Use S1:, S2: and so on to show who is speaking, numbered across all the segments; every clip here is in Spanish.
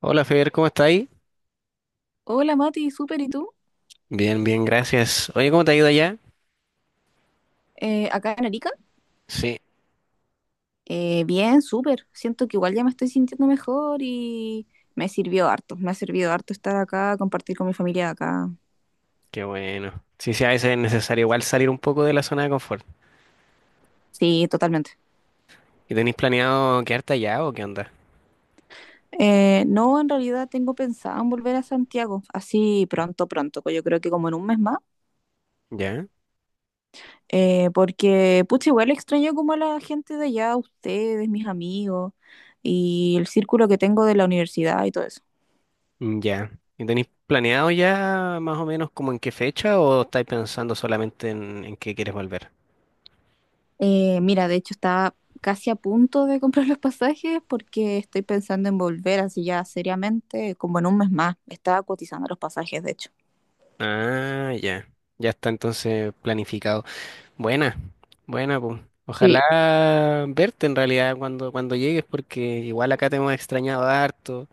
S1: Hola Fer, ¿cómo estáis?
S2: Hola Mati, súper, ¿y tú?
S1: Bien, bien, gracias. Oye, ¿cómo te ha ido allá?
S2: Acá en Arica.
S1: Sí,
S2: Bien, súper. Siento que igual ya me estoy sintiendo mejor y me sirvió harto. Me ha servido harto estar acá, compartir con mi familia acá.
S1: qué bueno. Sí, sí, a veces es necesario igual salir un poco de la zona de confort.
S2: Sí, totalmente.
S1: ¿Y tenéis planeado quedarte allá o qué onda?
S2: No, en realidad tengo pensado en volver a Santiago, así pronto, pronto, yo creo que como en un mes más.
S1: ¿Ya?
S2: Porque pucha, igual extraño como a la gente de allá, ustedes, mis amigos y el círculo que tengo de la universidad y todo eso.
S1: Mm, ya. ¿Y tenéis planeado ya más o menos como en qué fecha o estáis pensando solamente en qué quieres volver?
S2: Mira, de hecho estaba casi a punto de comprar los pasajes porque estoy pensando en volver así ya seriamente, como en un mes más. Estaba cotizando los pasajes, de hecho.
S1: Ah, ya. Ya está entonces planificado. Buena, buena, pues.
S2: Sí.
S1: Ojalá verte en realidad cuando llegues porque igual acá te hemos extrañado harto.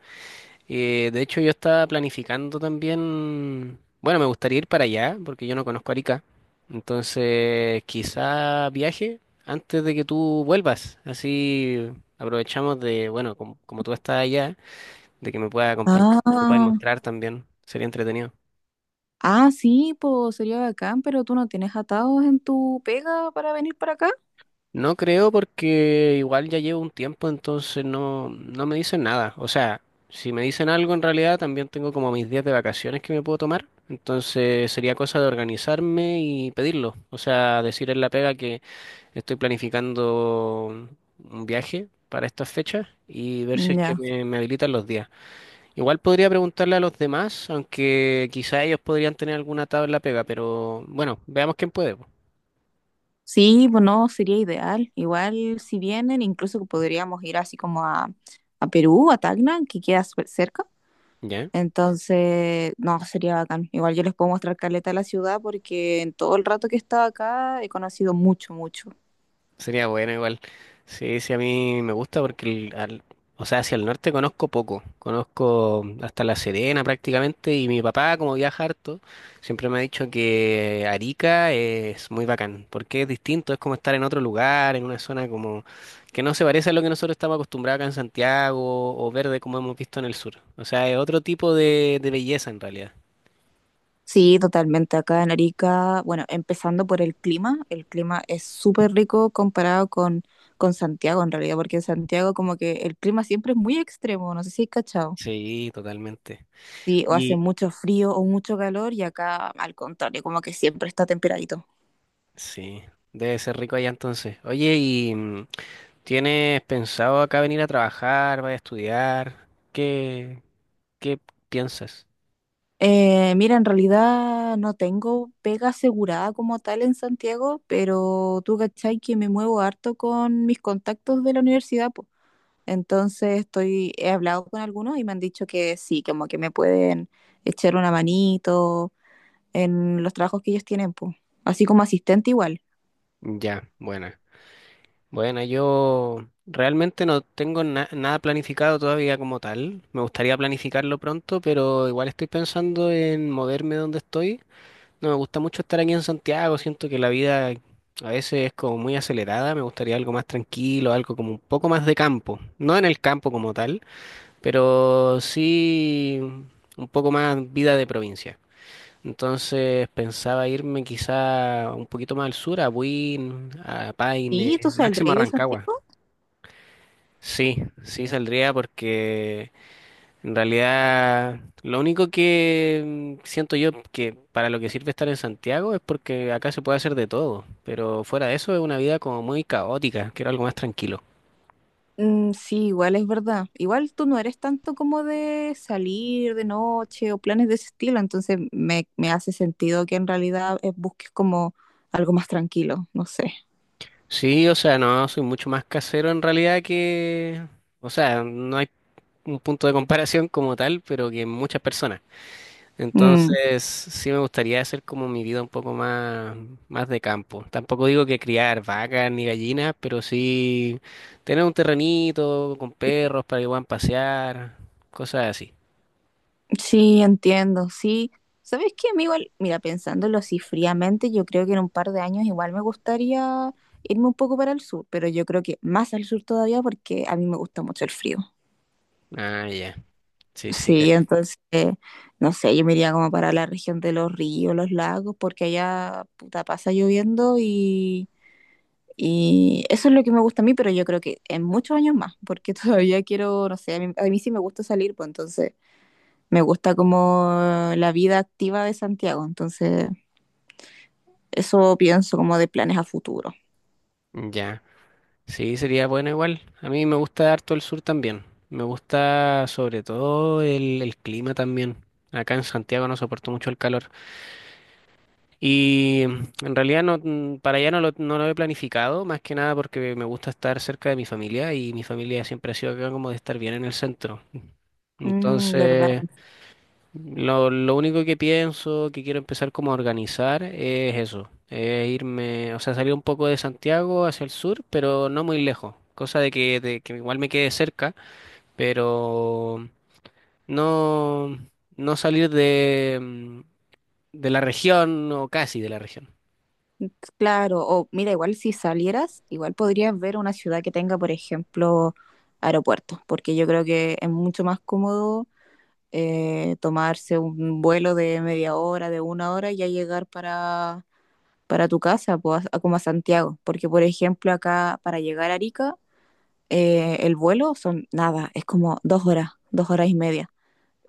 S1: De hecho, yo estaba planificando también, bueno, me gustaría ir para allá porque yo no conozco Arica. Entonces, quizá viaje antes de que tú vuelvas. Así aprovechamos de, bueno, como, como tú estás allá, de que me puedas acompañar, me puedas
S2: Ah,
S1: mostrar también. Sería entretenido.
S2: ah, sí, pues sería bacán, pero tú no tienes atados en tu pega para venir para acá.
S1: No creo porque igual ya llevo un tiempo, entonces no me dicen nada. O sea, si me dicen algo en realidad, también tengo como mis días de vacaciones que me puedo tomar. Entonces sería cosa de organizarme y pedirlo. O sea, decir en la pega que estoy planificando un viaje para estas fechas y ver si es que
S2: Ya.
S1: me habilitan los días. Igual podría preguntarle a los demás, aunque quizá ellos podrían tener alguna tabla pega, pero bueno, veamos quién puede po.
S2: Sí, pues no, sería ideal. Igual si vienen, incluso podríamos ir así como a Perú, a Tacna, que queda súper cerca.
S1: ¿Ya?
S2: Entonces, no, sería bacán. Igual yo les puedo mostrar caleta de la ciudad porque en todo el rato que he estado acá he conocido mucho, mucho.
S1: Sería bueno igual. Sí, sí, a mí me gusta porque, o sea, hacia el norte conozco poco. Conozco hasta La Serena prácticamente y mi papá, como viaja harto, siempre me ha dicho que Arica es muy bacán porque es distinto, es como estar en otro lugar, en una zona como que no se parece a lo que nosotros estamos acostumbrados acá en Santiago o verde como hemos visto en el sur. O sea, es otro tipo de belleza en realidad.
S2: Sí, totalmente. Acá en Arica, bueno, empezando por el clima es súper rico comparado con Santiago en realidad, porque en Santiago como que el clima siempre es muy extremo, no sé si hay cachado.
S1: Sí, totalmente.
S2: Sí, o hace
S1: Y
S2: mucho frío o mucho calor y acá al contrario, como que siempre está temperadito.
S1: sí, debe ser rico allá entonces. Oye, y... ¿Tienes pensado acá venir a trabajar, vas a estudiar? Qué piensas?
S2: Mira, en realidad no tengo pega asegurada como tal en Santiago, pero tú cachai que me muevo harto con mis contactos de la universidad, po. Entonces estoy, he hablado con algunos y me han dicho que sí, como que me pueden echar una manito en los trabajos que ellos tienen, pues. Así como asistente igual.
S1: Ya, buena. Bueno, yo realmente no tengo nada planificado todavía como tal. Me gustaría planificarlo pronto, pero igual estoy pensando en moverme donde estoy. No me gusta mucho estar aquí en Santiago, siento que la vida a veces es como muy acelerada, me gustaría algo más tranquilo, algo como un poco más de campo. No en el campo como tal, pero sí un poco más vida de provincia. Entonces pensaba irme quizá un poquito más al sur, a Buin, a
S2: ¿Y tú
S1: Paine, máximo a
S2: saldréis de
S1: Rancagua.
S2: Santiago?
S1: Sí, sí saldría porque en realidad lo único que siento yo que para lo que sirve estar en Santiago es porque acá se puede hacer de todo, pero fuera de eso es una vida como muy caótica, quiero algo más tranquilo.
S2: Mm, sí, igual es verdad. Igual tú no eres tanto como de salir de noche o planes de ese estilo, entonces me hace sentido que en realidad busques como algo más tranquilo, no sé.
S1: Sí, o sea, no, soy mucho más casero en realidad que, o sea, no hay un punto de comparación como tal, pero que en muchas personas.
S2: Mm,
S1: Entonces, sí me gustaría hacer como mi vida un poco más, más de campo. Tampoco digo que criar vacas ni gallinas, pero sí tener un terrenito con perros para que puedan pasear, cosas así.
S2: sí, entiendo, sí. ¿Sabes qué, amigo? Mira, pensándolo así fríamente, yo creo que en un par de años igual me gustaría irme un poco para el sur, pero yo creo que más al sur todavía porque a mí me gusta mucho el frío.
S1: Ah, ya. Sí, sí,
S2: Sí,
S1: cacho.
S2: entonces, no sé, yo me iría como para la región de los ríos, los lagos, porque allá puta pasa lloviendo y eso es lo que me gusta a mí, pero yo creo que en muchos años más, porque todavía quiero, no sé, a mí sí me gusta salir, pues entonces me gusta como la vida activa de Santiago, entonces eso pienso como de planes a futuro.
S1: Ya. Sí, sería bueno igual. A mí me gusta harto el sur también. Me gusta sobre todo el clima también. Acá en Santiago no soporto mucho el calor. Y en realidad no, para allá no no lo he planificado, más que nada porque me gusta estar cerca de mi familia y mi familia siempre ha sido acá como de estar bien en el centro.
S2: Mm, ¿verdad?
S1: Entonces, lo único que pienso, que quiero empezar como a organizar es eso, es irme, o sea, salir un poco de Santiago hacia el sur, pero no muy lejos, cosa de que igual me quede cerca, pero no, no salir de, de la región o casi de la región.
S2: Claro, o mira, igual si salieras, igual podrías ver una ciudad que tenga, por ejemplo, aeropuertos, porque yo creo que es mucho más cómodo tomarse un vuelo de media hora, de una hora y ya llegar para, tu casa, pues, como a Santiago, porque por ejemplo acá para llegar a Arica, el vuelo son nada, es como 2 horas, 2 horas y media,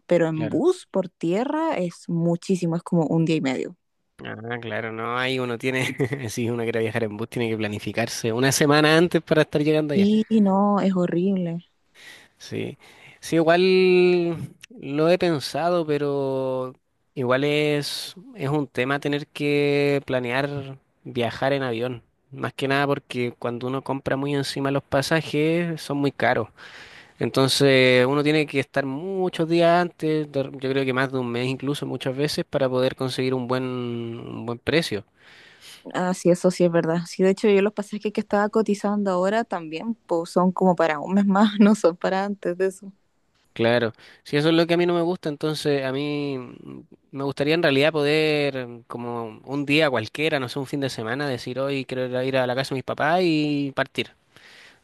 S2: pero en
S1: Claro.
S2: bus por tierra es muchísimo, es como un día y medio.
S1: Ah, claro, no, ahí uno tiene, si uno quiere viajar en bus, tiene que planificarse una semana antes para estar llegando allá.
S2: Sí, no, es horrible.
S1: Sí, sí, igual lo he pensado, pero igual es un tema tener que planear viajar en avión. Más que nada porque cuando uno compra muy encima los pasajes son muy caros. Entonces uno tiene que estar muchos días antes, yo creo que más de un mes incluso muchas veces, para poder conseguir un buen precio.
S2: Ah, sí, eso sí es verdad. Sí, de hecho, yo los pasajes que estaba cotizando ahora también, pues son como para un mes más, no son para antes de eso.
S1: Claro, si eso es lo que a mí no me gusta, entonces a mí me gustaría en realidad poder, como un día cualquiera, no sé, un fin de semana, decir hoy quiero ir a la casa de mis papás y partir.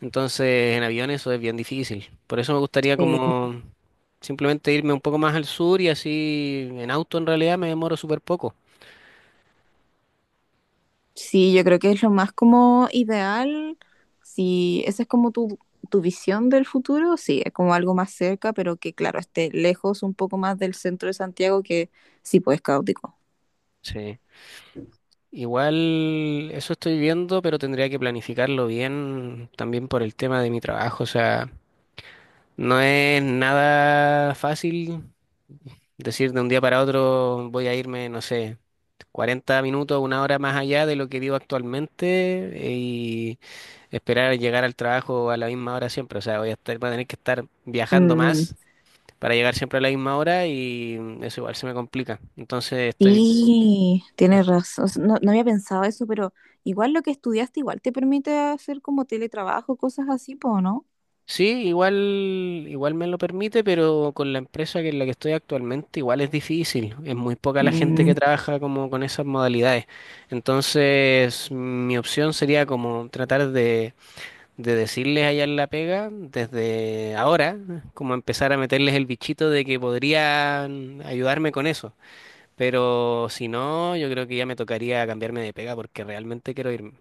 S1: Entonces en avión eso es bien difícil. Por eso me gustaría
S2: Sí.
S1: como simplemente irme un poco más al sur y así en auto en realidad me demoro súper poco.
S2: Sí, yo creo que es lo más como ideal. Si esa es como tu, visión del futuro, sí, es como algo más cerca, pero que claro, esté lejos un poco más del centro de Santiago, que sí, pues es caótico.
S1: Sí. Igual eso estoy viendo, pero tendría que planificarlo bien también por el tema de mi trabajo. O sea, no es nada fácil decir de un día para otro voy a irme, no sé, 40 minutos, una hora más allá de lo que vivo actualmente y esperar llegar al trabajo a la misma hora siempre. O sea, voy a tener que estar viajando
S2: Mm,
S1: más para llegar siempre a la misma hora y eso igual se me complica. Entonces estoy,
S2: sí,
S1: eh,
S2: tienes razón. O sea, no, no había pensado eso, pero igual lo que estudiaste igual te permite hacer como teletrabajo, cosas así, pues, ¿no?
S1: sí, igual, igual me lo permite, pero con la empresa que en la que estoy actualmente igual es difícil. Es muy poca la gente
S2: Mm.
S1: que trabaja como con esas modalidades. Entonces, mi opción sería como tratar de decirles allá en la pega desde ahora, como empezar a meterles el bichito de que podrían ayudarme con eso. Pero si no, yo creo que ya me tocaría cambiarme de pega porque realmente quiero irme.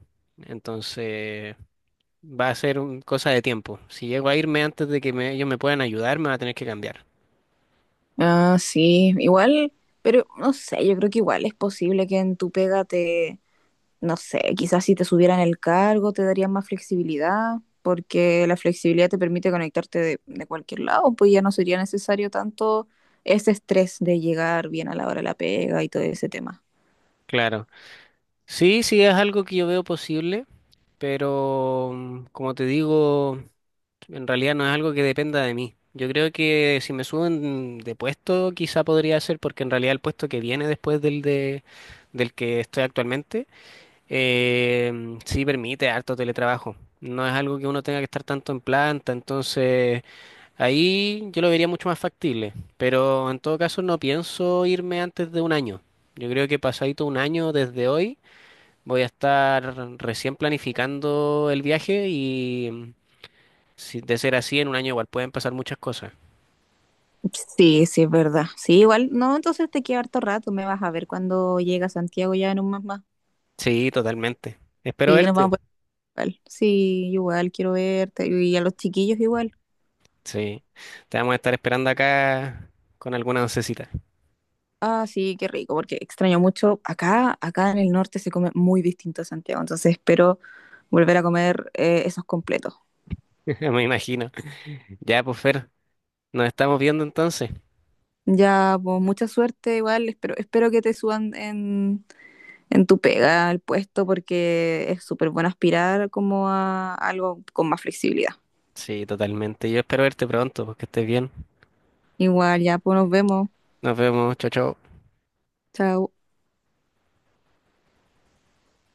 S1: Entonces, va a ser cosa de tiempo. Si llego a irme antes de que ellos me puedan ayudar, me va a tener que cambiar.
S2: Ah, sí, igual, pero no sé, yo creo que igual es posible que en tu pega te, no sé, quizás si te subieran el cargo te darían más flexibilidad, porque la flexibilidad te permite conectarte de cualquier lado, pues ya no sería necesario tanto ese estrés de llegar bien a la hora de la pega y todo ese tema.
S1: Claro. Sí, sí, es algo que yo veo posible, pero como te digo... En realidad no es algo que dependa de mí. Yo creo que si me suben de puesto, quizá podría ser porque en realidad el puesto que viene después del que estoy actualmente, sí permite harto teletrabajo. No es algo que uno tenga que estar tanto en planta, entonces ahí yo lo vería mucho más factible. Pero en todo caso no pienso irme antes de un año. Yo creo que pasadito un año desde hoy voy a estar recién planificando el viaje y si de ser así, en un año igual pueden pasar muchas cosas.
S2: Sí, sí, es verdad. Sí, igual, no, entonces te queda harto rato, me vas a ver cuando llega a Santiago ya en un mes más.
S1: Sí, totalmente. Espero
S2: Sí, nos
S1: verte.
S2: vamos a ver igual. Sí, igual quiero verte y a los chiquillos igual.
S1: Sí. Te vamos a estar esperando acá con alguna oncecita,
S2: Ah, sí, qué rico, porque extraño mucho. Acá, acá en el norte se come muy distinto a Santiago, entonces espero volver a comer esos completos.
S1: me imagino. Ya, pues Fer, nos estamos viendo entonces.
S2: Ya, pues mucha suerte, igual, espero, espero que te suban en tu pega al puesto, porque es súper bueno aspirar como a algo con más flexibilidad.
S1: Sí, totalmente. Yo espero verte pronto, porque estés bien.
S2: Igual, ya, pues nos vemos.
S1: Nos vemos. Chao, chao.
S2: Chao.